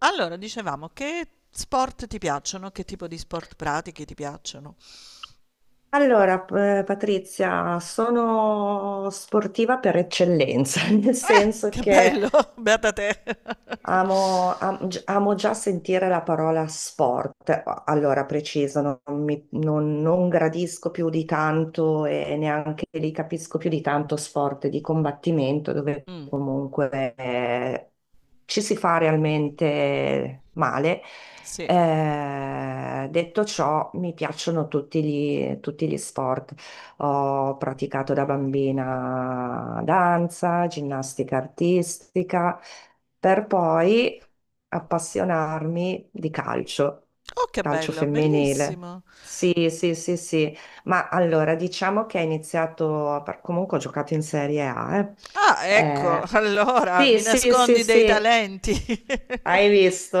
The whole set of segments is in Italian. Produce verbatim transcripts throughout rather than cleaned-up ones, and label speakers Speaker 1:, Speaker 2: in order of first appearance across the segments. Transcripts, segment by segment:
Speaker 1: Allora, dicevamo, che sport ti piacciono? Che tipo di sport pratichi ti piacciono?
Speaker 2: Allora, p- eh, Patrizia, sono sportiva per eccellenza, nel senso
Speaker 1: Che
Speaker 2: che
Speaker 1: bello, beata te.
Speaker 2: amo, am- gi- amo già sentire la parola sport. Allora, preciso, non, mi- non- non gradisco più di tanto e neanche li capisco più di tanto sport di combattimento, dove
Speaker 1: Mm,
Speaker 2: comunque eh, ci si fa realmente male.
Speaker 1: sì.
Speaker 2: Eh, detto ciò, mi piacciono tutti gli tutti gli sport. Ho praticato da bambina danza, ginnastica artistica, per poi appassionarmi di calcio,
Speaker 1: Oh, che
Speaker 2: calcio
Speaker 1: bello,
Speaker 2: femminile.
Speaker 1: bellissimo.
Speaker 2: Sì, sì, sì, sì. Ma allora diciamo che ho iniziato, per- comunque ho giocato in Serie A, eh.
Speaker 1: Ah, ecco,
Speaker 2: Eh,
Speaker 1: allora
Speaker 2: sì,
Speaker 1: mi
Speaker 2: sì, sì,
Speaker 1: nascondi dei
Speaker 2: sì,
Speaker 1: talenti.
Speaker 2: hai visto?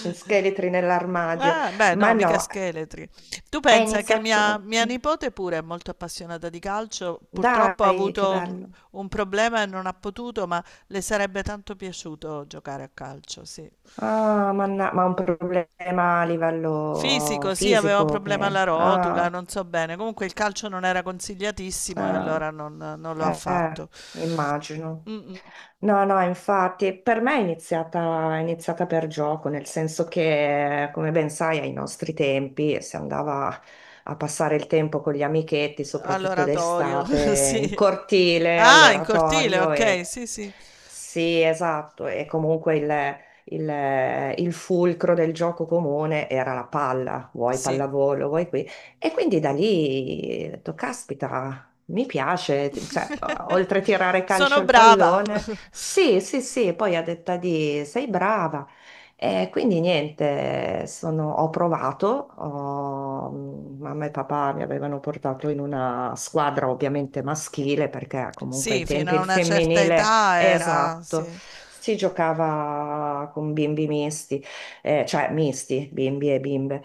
Speaker 2: Gli scheletri nell'armadio.
Speaker 1: Ah, beh,
Speaker 2: Ma
Speaker 1: no, mica
Speaker 2: no,
Speaker 1: scheletri. Tu
Speaker 2: è
Speaker 1: pensa che mia,
Speaker 2: iniziato...
Speaker 1: mia nipote pure è molto appassionata di calcio, purtroppo ha
Speaker 2: Dai, che
Speaker 1: avuto
Speaker 2: bello.
Speaker 1: un problema e non ha potuto, ma le sarebbe tanto piaciuto giocare a calcio, sì.
Speaker 2: Ah, manna- ma un problema a livello
Speaker 1: Fisico, sì, aveva un
Speaker 2: fisico
Speaker 1: problema
Speaker 2: che...
Speaker 1: alla rotula,
Speaker 2: Ah,
Speaker 1: non so bene. Comunque il calcio non era consigliatissimo e
Speaker 2: ah.
Speaker 1: allora non, non lo ha
Speaker 2: Eh,
Speaker 1: fatto.
Speaker 2: immagino.
Speaker 1: Mm,
Speaker 2: No, no, infatti per me è iniziata, è iniziata per gioco, nel senso che, come ben sai, ai nostri tempi si andava a passare il tempo con gli amichetti, soprattutto
Speaker 1: all'oratorio,
Speaker 2: d'estate, in
Speaker 1: sì.
Speaker 2: cortile,
Speaker 1: Ah, in cortile,
Speaker 2: all'oratorio
Speaker 1: ok,
Speaker 2: e
Speaker 1: sì, sì,
Speaker 2: sì, esatto, e comunque il, il- il fulcro del gioco comune era la palla, vuoi
Speaker 1: sì.
Speaker 2: pallavolo, vuoi qui. E quindi da lì, ho detto, caspita. Mi piace, t- cioè, o- oltre a tirare calcio
Speaker 1: Sono
Speaker 2: al
Speaker 1: brava.
Speaker 2: pallone, sì, sì, sì, poi a detta di sei brava. E quindi niente, sono- ho provato, ho- mamma e papà mi avevano portato in una squadra ovviamente maschile, perché comunque ai
Speaker 1: Sì, fino
Speaker 2: tempi
Speaker 1: a
Speaker 2: il
Speaker 1: una certa
Speaker 2: femminile,
Speaker 1: età era,
Speaker 2: esatto,
Speaker 1: sì.
Speaker 2: si giocava con bimbi misti, eh, cioè misti, bimbi e bimbe.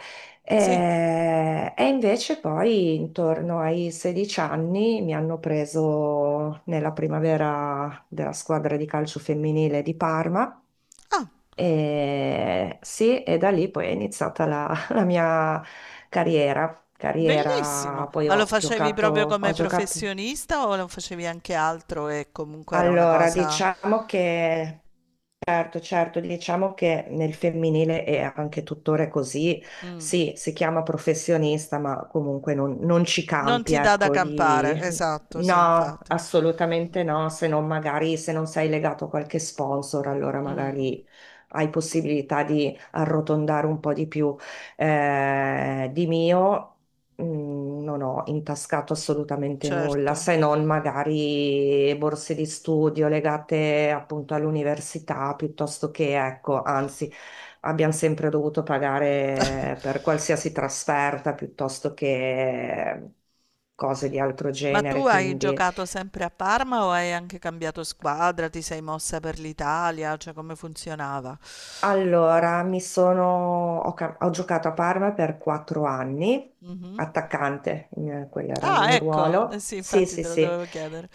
Speaker 1: Sì.
Speaker 2: Eh, E, invece poi intorno ai sedici anni mi hanno preso nella primavera della squadra di calcio femminile di Parma
Speaker 1: Ah,
Speaker 2: e sì, e da lì poi è iniziata la, la mia carriera.
Speaker 1: bellissimo.
Speaker 2: Carriera, poi
Speaker 1: Ma lo
Speaker 2: ho
Speaker 1: facevi
Speaker 2: giocato,
Speaker 1: proprio
Speaker 2: ho
Speaker 1: come
Speaker 2: giocato.
Speaker 1: professionista o lo facevi anche altro e comunque era una
Speaker 2: Allora,
Speaker 1: cosa...
Speaker 2: diciamo che Certo, certo, diciamo che nel femminile è anche tuttora così,
Speaker 1: Mm.
Speaker 2: sì, si chiama professionista, ma comunque non, non ci
Speaker 1: Non
Speaker 2: campi,
Speaker 1: ti dà da
Speaker 2: ecco,
Speaker 1: campare,
Speaker 2: di...
Speaker 1: esatto, sì,
Speaker 2: No,
Speaker 1: infatti.
Speaker 2: assolutamente no, se non magari se non sei legato a qualche sponsor, allora
Speaker 1: Mm.
Speaker 2: magari hai possibilità di arrotondare un po' di più eh, di mio. Mm, non ho intascato assolutamente nulla,
Speaker 1: Certo.
Speaker 2: se non magari borse di studio legate appunto all'università, piuttosto che, ecco, anzi, abbiamo sempre dovuto pagare per qualsiasi trasferta, piuttosto che cose di altro
Speaker 1: Ma tu
Speaker 2: genere.
Speaker 1: hai
Speaker 2: Quindi,
Speaker 1: giocato sempre a Parma o hai anche cambiato squadra? Ti sei mossa per l'Italia? Cioè come funzionava?
Speaker 2: allora, mi sono, ho, ca- ho giocato a Parma per quattro anni,
Speaker 1: Mhm.
Speaker 2: attaccante, eh, quello era il
Speaker 1: Ah,
Speaker 2: mio
Speaker 1: ecco, eh
Speaker 2: ruolo.
Speaker 1: sì,
Speaker 2: Sì,
Speaker 1: infatti
Speaker 2: sì,
Speaker 1: te lo
Speaker 2: sì.
Speaker 1: dovevo chiedere.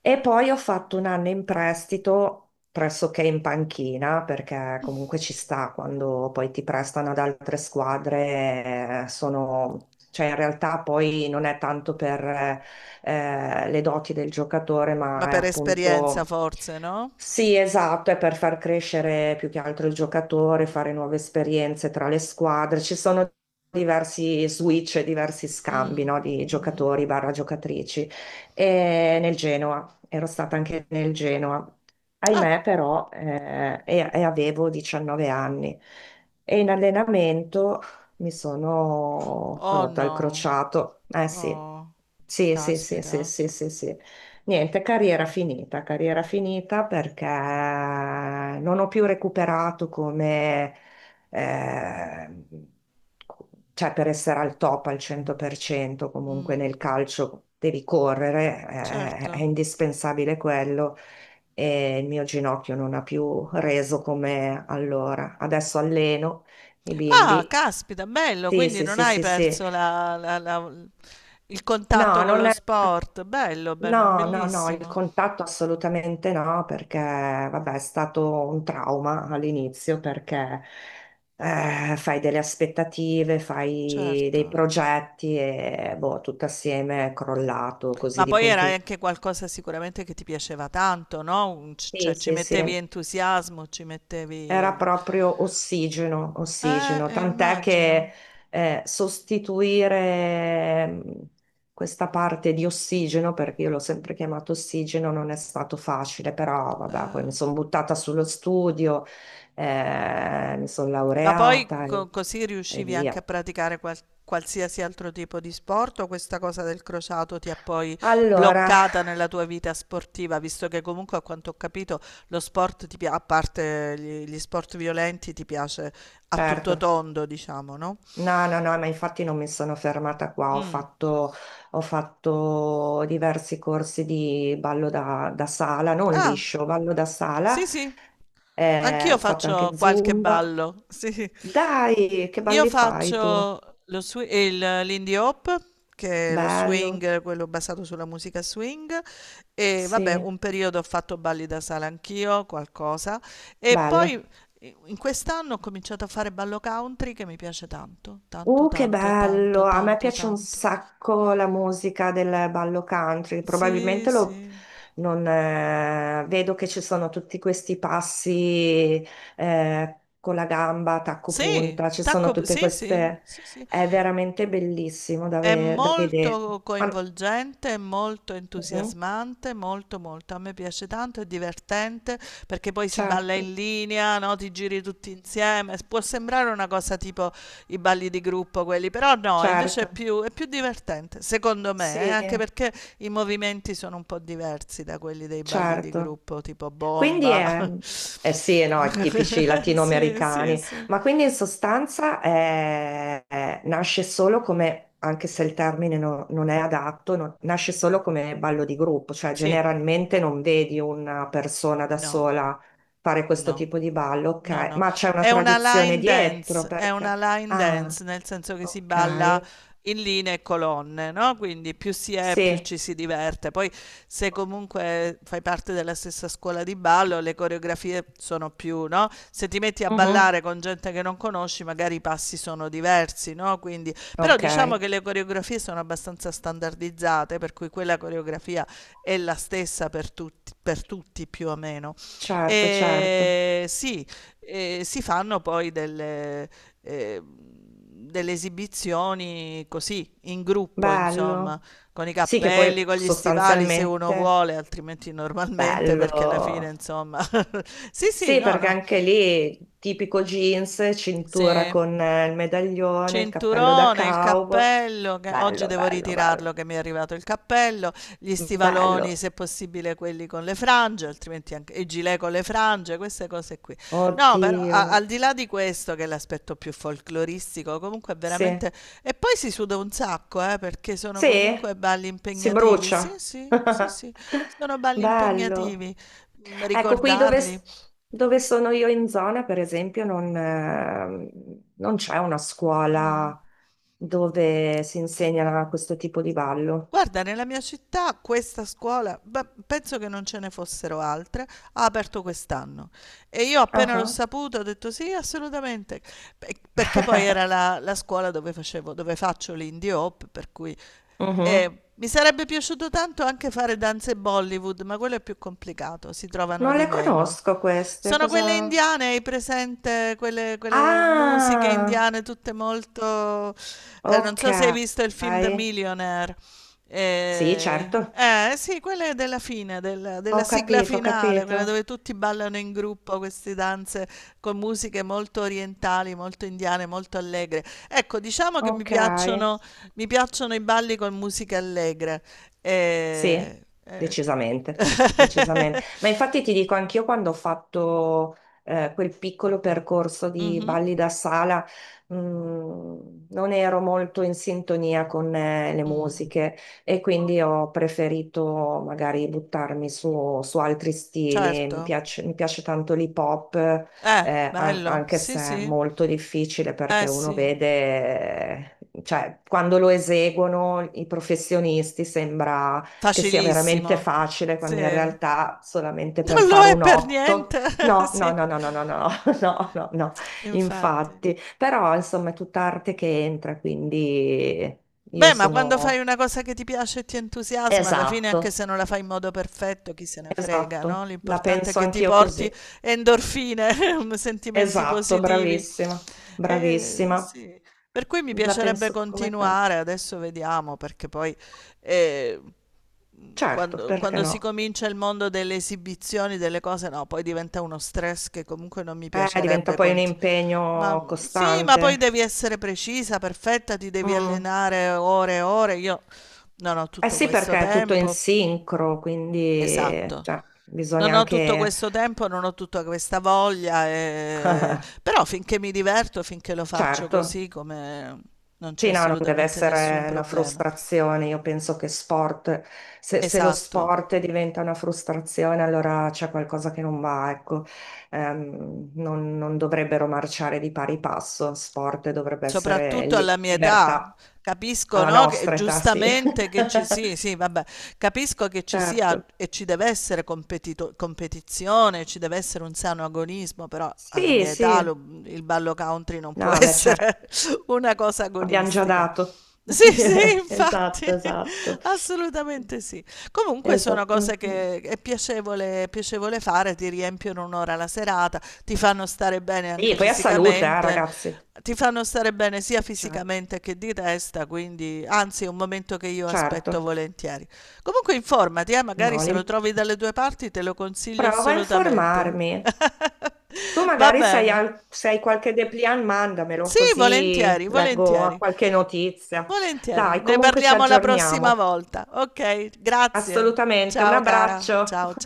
Speaker 2: E poi ho fatto un anno in prestito pressoché in panchina, perché comunque ci sta quando poi ti prestano ad altre squadre, eh, sono... Cioè, in realtà poi non è tanto per eh, le doti del giocatore,
Speaker 1: Ma
Speaker 2: ma è
Speaker 1: per esperienza
Speaker 2: appunto...
Speaker 1: forse, no?
Speaker 2: Sì, esatto, è per far crescere più che altro il giocatore, fare nuove esperienze tra le squadre. Ci sono diversi switch, diversi scambi, no, di giocatori barra giocatrici e nel Genoa, ero stata anche nel Genoa.
Speaker 1: Ah,
Speaker 2: Ahimè, però, eh, e, e avevo diciannove anni e in allenamento mi sono
Speaker 1: oh
Speaker 2: rotta il
Speaker 1: no.
Speaker 2: crociato. Eh sì,
Speaker 1: Oh,
Speaker 2: sì, sì, sì, sì,
Speaker 1: caspita.
Speaker 2: sì, sì, sì. Niente, carriera finita, carriera finita perché non ho più recuperato come eh, cioè per essere al top al cento per cento comunque
Speaker 1: Mm,
Speaker 2: nel calcio devi correre, eh, è
Speaker 1: certo.
Speaker 2: indispensabile quello e il mio ginocchio non ha più reso come allora. Adesso alleno i
Speaker 1: Ah,
Speaker 2: bimbi.
Speaker 1: caspita, bello,
Speaker 2: Sì,
Speaker 1: quindi
Speaker 2: sì,
Speaker 1: non
Speaker 2: sì,
Speaker 1: hai
Speaker 2: sì, sì.
Speaker 1: perso la- la- la- il
Speaker 2: No,
Speaker 1: contatto con
Speaker 2: non
Speaker 1: lo
Speaker 2: è.
Speaker 1: sport. Bello, be-
Speaker 2: No, no, no, il
Speaker 1: bellissimo.
Speaker 2: contatto assolutamente no, perché vabbè, è stato un trauma all'inizio perché eh, fai delle aspettative, fai
Speaker 1: Certo.
Speaker 2: dei progetti e boh, tutto assieme è crollato così
Speaker 1: Ma
Speaker 2: di
Speaker 1: poi era
Speaker 2: punti.
Speaker 1: anche qualcosa sicuramente che ti piaceva tanto, no? Un- c-
Speaker 2: Sì,
Speaker 1: cioè ci
Speaker 2: sì,
Speaker 1: mettevi
Speaker 2: sì.
Speaker 1: entusiasmo, ci
Speaker 2: Era
Speaker 1: mettevi...
Speaker 2: proprio ossigeno,
Speaker 1: Eh,
Speaker 2: ossigeno,
Speaker 1: eh,
Speaker 2: tant'è che
Speaker 1: immagino.
Speaker 2: eh, sostituire mm, questa parte di ossigeno, perché io l'ho sempre chiamato ossigeno, non è stato facile, però vabbè, poi mi
Speaker 1: Eh.
Speaker 2: sono buttata sullo studio, eh, mi sono
Speaker 1: Ma poi
Speaker 2: laureata e,
Speaker 1: co- così
Speaker 2: e
Speaker 1: riuscivi anche a
Speaker 2: via.
Speaker 1: praticare qual- qualsiasi altro tipo di sport o questa cosa del crociato ti ha poi
Speaker 2: Allora,
Speaker 1: bloccata nella tua vita sportiva, visto che comunque a quanto ho capito lo sport, ti pia- a parte gli, gli sport violenti, ti piace a tutto
Speaker 2: certo.
Speaker 1: tondo, diciamo, no?
Speaker 2: No, no, no, ma infatti non mi sono fermata qua, ho
Speaker 1: Mm.
Speaker 2: fatto, ho fatto diversi corsi di ballo da, da sala, non
Speaker 1: Ah,
Speaker 2: liscio, ballo da sala,
Speaker 1: sì, sì.
Speaker 2: eh,
Speaker 1: Anch'io
Speaker 2: ho fatto
Speaker 1: faccio
Speaker 2: anche
Speaker 1: qualche
Speaker 2: Zumba.
Speaker 1: ballo, sì.
Speaker 2: Dai, che
Speaker 1: Io
Speaker 2: balli fai tu?
Speaker 1: faccio lo swi- il- l'indie hop, che è lo
Speaker 2: Bello,
Speaker 1: swing, quello basato sulla musica swing, e vabbè,
Speaker 2: sì,
Speaker 1: un periodo ho fatto balli da sala anch'io, qualcosa, e
Speaker 2: bello.
Speaker 1: poi eh, in quest'anno ho cominciato a fare ballo country che mi piace tanto, tanto,
Speaker 2: Uh, che
Speaker 1: tanto, tanto,
Speaker 2: bello! A me
Speaker 1: tanto,
Speaker 2: piace un
Speaker 1: tanto.
Speaker 2: sacco la musica del ballo country.
Speaker 1: Sì,
Speaker 2: Probabilmente lo,
Speaker 1: sì.
Speaker 2: non, eh, vedo che ci sono tutti questi passi eh, con la gamba, tacco
Speaker 1: Sì,
Speaker 2: punta, ci sono
Speaker 1: tacco,
Speaker 2: tutte
Speaker 1: sì, sì,
Speaker 2: queste.
Speaker 1: sì, sì.
Speaker 2: È veramente bellissimo da,
Speaker 1: È
Speaker 2: ve- da vedere.
Speaker 1: molto
Speaker 2: Ma-
Speaker 1: coinvolgente, è molto
Speaker 2: Mhm.
Speaker 1: entusiasmante, molto molto. A me piace tanto, è divertente perché poi si balla
Speaker 2: Certo,
Speaker 1: in linea, no? Ti giri tutti insieme. S- Può sembrare una cosa tipo i balli di gruppo quelli, però no, invece è
Speaker 2: certo,
Speaker 1: più, è più divertente, secondo me, eh,
Speaker 2: sì,
Speaker 1: anche perché i movimenti sono un po' diversi da quelli dei balli di
Speaker 2: certo.
Speaker 1: gruppo, tipo
Speaker 2: Quindi
Speaker 1: bomba.
Speaker 2: è, eh sì, no, è tipici
Speaker 1: Sì, sì,
Speaker 2: latinoamericani,
Speaker 1: sì.
Speaker 2: ma quindi in sostanza è- è- nasce solo come, anche se il termine no- non è adatto, no- nasce solo come ballo di gruppo, cioè
Speaker 1: Sì,
Speaker 2: generalmente non vedi una persona da
Speaker 1: no,
Speaker 2: sola fare questo
Speaker 1: no.
Speaker 2: tipo di ballo,
Speaker 1: No,
Speaker 2: ok,
Speaker 1: no,
Speaker 2: ma c'è una
Speaker 1: è una
Speaker 2: tradizione
Speaker 1: line
Speaker 2: dietro
Speaker 1: dance, è
Speaker 2: perché...
Speaker 1: una line
Speaker 2: Ah,
Speaker 1: dance nel senso che si balla
Speaker 2: ok,
Speaker 1: in linee e colonne, no? Quindi più si è, più
Speaker 2: sì,
Speaker 1: ci si diverte. Poi se comunque fai parte della stessa scuola di ballo, le coreografie sono più, no? Se ti metti a
Speaker 2: mhm,
Speaker 1: ballare con gente che non conosci, magari i passi sono diversi, no? Quindi, però
Speaker 2: ok,
Speaker 1: diciamo che le coreografie sono abbastanza standardizzate, per cui quella coreografia è la stessa per tutti, per tutti più o meno.
Speaker 2: certo, certo,
Speaker 1: E sì. E si fanno poi delle, eh, delle esibizioni così, in gruppo, insomma,
Speaker 2: bello.
Speaker 1: con i
Speaker 2: Sì, che
Speaker 1: cappelli,
Speaker 2: poi
Speaker 1: con gli stivali se uno
Speaker 2: sostanzialmente...
Speaker 1: vuole, altrimenti normalmente perché alla fine,
Speaker 2: Bello.
Speaker 1: insomma. Sì, sì,
Speaker 2: Sì,
Speaker 1: no,
Speaker 2: perché
Speaker 1: no.
Speaker 2: anche lì tipico jeans, cintura
Speaker 1: Se
Speaker 2: con eh, il medaglione, il cappello da
Speaker 1: Cinturone, il
Speaker 2: cowboy.
Speaker 1: cappello, che oggi
Speaker 2: Bello,
Speaker 1: devo
Speaker 2: bello,
Speaker 1: ritirarlo
Speaker 2: bello.
Speaker 1: che mi è arrivato il cappello, gli stivaloni
Speaker 2: Bello.
Speaker 1: se possibile quelli con le frange, altrimenti anche i gilet con le frange, queste cose qui. No, però
Speaker 2: Oddio.
Speaker 1: a- al di là di questo che è l'aspetto più folcloristico, comunque è
Speaker 2: Sì.
Speaker 1: veramente... E poi si suda un sacco, eh, perché sono
Speaker 2: Sì?
Speaker 1: comunque balli
Speaker 2: Si
Speaker 1: impegnativi. Sì,
Speaker 2: brucia.
Speaker 1: sì, sì, sì, sono balli
Speaker 2: Bello.
Speaker 1: impegnativi, mm,
Speaker 2: Ecco, qui dove,
Speaker 1: ricordarli.
Speaker 2: dove sono io in zona, per esempio, non, ehm, non c'è una
Speaker 1: Mm.
Speaker 2: scuola dove si insegna questo tipo di ballo.
Speaker 1: Guarda, nella mia città questa scuola, beh, penso che non ce ne fossero altre, ha aperto quest'anno e io appena l'ho
Speaker 2: Ah.
Speaker 1: saputo ho detto sì, assolutamente. Pe- perché poi era la, la scuola dove facevo, dove faccio l'indie hop, per cui
Speaker 2: Mhm.
Speaker 1: eh, mi sarebbe piaciuto tanto anche fare danze Bollywood, ma quello è più complicato, si trovano
Speaker 2: Non
Speaker 1: di
Speaker 2: le
Speaker 1: meno.
Speaker 2: conosco queste,
Speaker 1: Sono quelle
Speaker 2: cosa...
Speaker 1: indiane, hai presente? Quelle, quelle musiche
Speaker 2: Ah,
Speaker 1: indiane, tutte molto... eh, non
Speaker 2: ok.
Speaker 1: so se hai visto il film The Millionaire.
Speaker 2: Sì,
Speaker 1: Eh,
Speaker 2: certo,
Speaker 1: eh, sì, quella è della fine, della,
Speaker 2: ho
Speaker 1: della sigla
Speaker 2: capito, ho
Speaker 1: finale, quella
Speaker 2: capito.
Speaker 1: dove tutti ballano in gruppo queste danze con musiche molto orientali, molto indiane, molto allegre. Ecco, diciamo che mi
Speaker 2: Ok.
Speaker 1: piacciono, mi piacciono i balli con musica allegra.
Speaker 2: Sì,
Speaker 1: Eh, eh.
Speaker 2: decisamente, decisamente. Ma infatti ti dico, anch'io quando ho fatto eh, quel piccolo percorso di
Speaker 1: Mhm,
Speaker 2: balli da sala, mh, non ero molto in sintonia con eh, le
Speaker 1: mm,
Speaker 2: musiche e quindi
Speaker 1: mm.
Speaker 2: ho preferito magari buttarmi su, su altri stili. Mi
Speaker 1: Certo.
Speaker 2: piace, mi piace tanto l'hip hop,
Speaker 1: Eh,
Speaker 2: eh, an-
Speaker 1: bello.
Speaker 2: anche
Speaker 1: Sì,
Speaker 2: se è
Speaker 1: sì.
Speaker 2: molto difficile
Speaker 1: Eh
Speaker 2: perché uno
Speaker 1: sì,
Speaker 2: vede... eh, Cioè, quando lo eseguono i professionisti sembra che sia veramente
Speaker 1: facilissimo.
Speaker 2: facile, quando in
Speaker 1: Sì.
Speaker 2: realtà solamente per
Speaker 1: Non lo
Speaker 2: fare
Speaker 1: è
Speaker 2: un
Speaker 1: per
Speaker 2: otto.
Speaker 1: niente,
Speaker 2: No, no,
Speaker 1: sì,
Speaker 2: no, no, no, no, no, no, no, no,
Speaker 1: infatti.
Speaker 2: infatti. Però insomma è tutta arte che entra, quindi io
Speaker 1: Beh, ma quando fai
Speaker 2: sono...
Speaker 1: una cosa che ti piace e ti entusiasma, alla fine, anche
Speaker 2: Esatto,
Speaker 1: se non la fai in modo perfetto, chi se ne frega, no?
Speaker 2: esatto, la
Speaker 1: L'importante è
Speaker 2: penso
Speaker 1: che ti
Speaker 2: anch'io
Speaker 1: porti
Speaker 2: così.
Speaker 1: endorfine, sentimenti
Speaker 2: Esatto,
Speaker 1: positivi.
Speaker 2: bravissima,
Speaker 1: Eh,
Speaker 2: bravissima.
Speaker 1: sì. Per cui mi
Speaker 2: La
Speaker 1: piacerebbe
Speaker 2: penso come te.
Speaker 1: continuare, adesso vediamo, perché poi eh,
Speaker 2: Certo,
Speaker 1: quando,
Speaker 2: perché
Speaker 1: quando si
Speaker 2: no?
Speaker 1: comincia il mondo delle esibizioni, delle cose, no, poi diventa uno stress che comunque non mi
Speaker 2: Eh, diventa
Speaker 1: piacerebbe
Speaker 2: poi un
Speaker 1: conti- ma,
Speaker 2: impegno
Speaker 1: mhmm, sì, ma poi
Speaker 2: costante.
Speaker 1: devi essere precisa, perfetta, ti devi
Speaker 2: Mm.
Speaker 1: allenare ore e ore. Io non ho
Speaker 2: Eh
Speaker 1: tutto
Speaker 2: sì,
Speaker 1: questo
Speaker 2: perché è tutto in
Speaker 1: tempo.
Speaker 2: sincro, quindi
Speaker 1: Esatto.
Speaker 2: cioè,
Speaker 1: Non
Speaker 2: bisogna
Speaker 1: ho tutto
Speaker 2: anche...
Speaker 1: questo tempo, non ho tutta questa voglia, ehm, però finché mi diverto, finché lo faccio
Speaker 2: Certo,
Speaker 1: così, come non c'è
Speaker 2: sì, no, non deve
Speaker 1: assolutamente nessun
Speaker 2: essere una
Speaker 1: problema.
Speaker 2: frustrazione. Io penso che sport, se, se lo
Speaker 1: Esatto.
Speaker 2: sport diventa una frustrazione, allora c'è qualcosa che non va, ecco. Ehm, non, non dovrebbero marciare di pari passo, sport dovrebbe essere
Speaker 1: Soprattutto alla
Speaker 2: li-
Speaker 1: mia età,
Speaker 2: libertà,
Speaker 1: capisco,
Speaker 2: alla
Speaker 1: no, che
Speaker 2: nostra età, sì.
Speaker 1: giustamente che ci sì, sì, vabbè, capisco che ci sia
Speaker 2: Certo.
Speaker 1: e ci deve essere competito- competizione, ci deve essere un sano agonismo, però alla
Speaker 2: Sì,
Speaker 1: mia età
Speaker 2: sì.
Speaker 1: lo- il ballo country non può
Speaker 2: No, beh, certo.
Speaker 1: essere una cosa
Speaker 2: Abbiamo già
Speaker 1: agonistica.
Speaker 2: dato.
Speaker 1: Sì, sì, infatti,
Speaker 2: Esatto, esatto.
Speaker 1: assolutamente sì. Comunque sono cose
Speaker 2: Esattamente.
Speaker 1: che è piacevole, piacevole fare, ti riempiono un'ora la serata, ti fanno stare bene
Speaker 2: E
Speaker 1: anche
Speaker 2: poi a salute, eh,
Speaker 1: fisicamente,
Speaker 2: ragazzi.
Speaker 1: ti fanno stare bene sia
Speaker 2: Cioè,
Speaker 1: fisicamente che di testa, quindi anzi è un momento che io aspetto
Speaker 2: certo,
Speaker 1: volentieri. Comunque informati, eh, magari
Speaker 2: no,
Speaker 1: se
Speaker 2: li-
Speaker 1: lo trovi dalle due parti te lo consiglio
Speaker 2: prova a
Speaker 1: assolutamente.
Speaker 2: informarmi. Tu
Speaker 1: Va
Speaker 2: magari sei
Speaker 1: bene.
Speaker 2: al- se hai qualche dépliant, mandamelo
Speaker 1: Sì,
Speaker 2: così
Speaker 1: volentieri,
Speaker 2: leggo a
Speaker 1: volentieri,
Speaker 2: qualche notizia.
Speaker 1: volentieri.
Speaker 2: Dai,
Speaker 1: Ne
Speaker 2: comunque ci
Speaker 1: parliamo la prossima
Speaker 2: aggiorniamo.
Speaker 1: volta. Ok, grazie.
Speaker 2: Assolutamente, un
Speaker 1: Ciao cara,
Speaker 2: abbraccio.
Speaker 1: ciao ciao.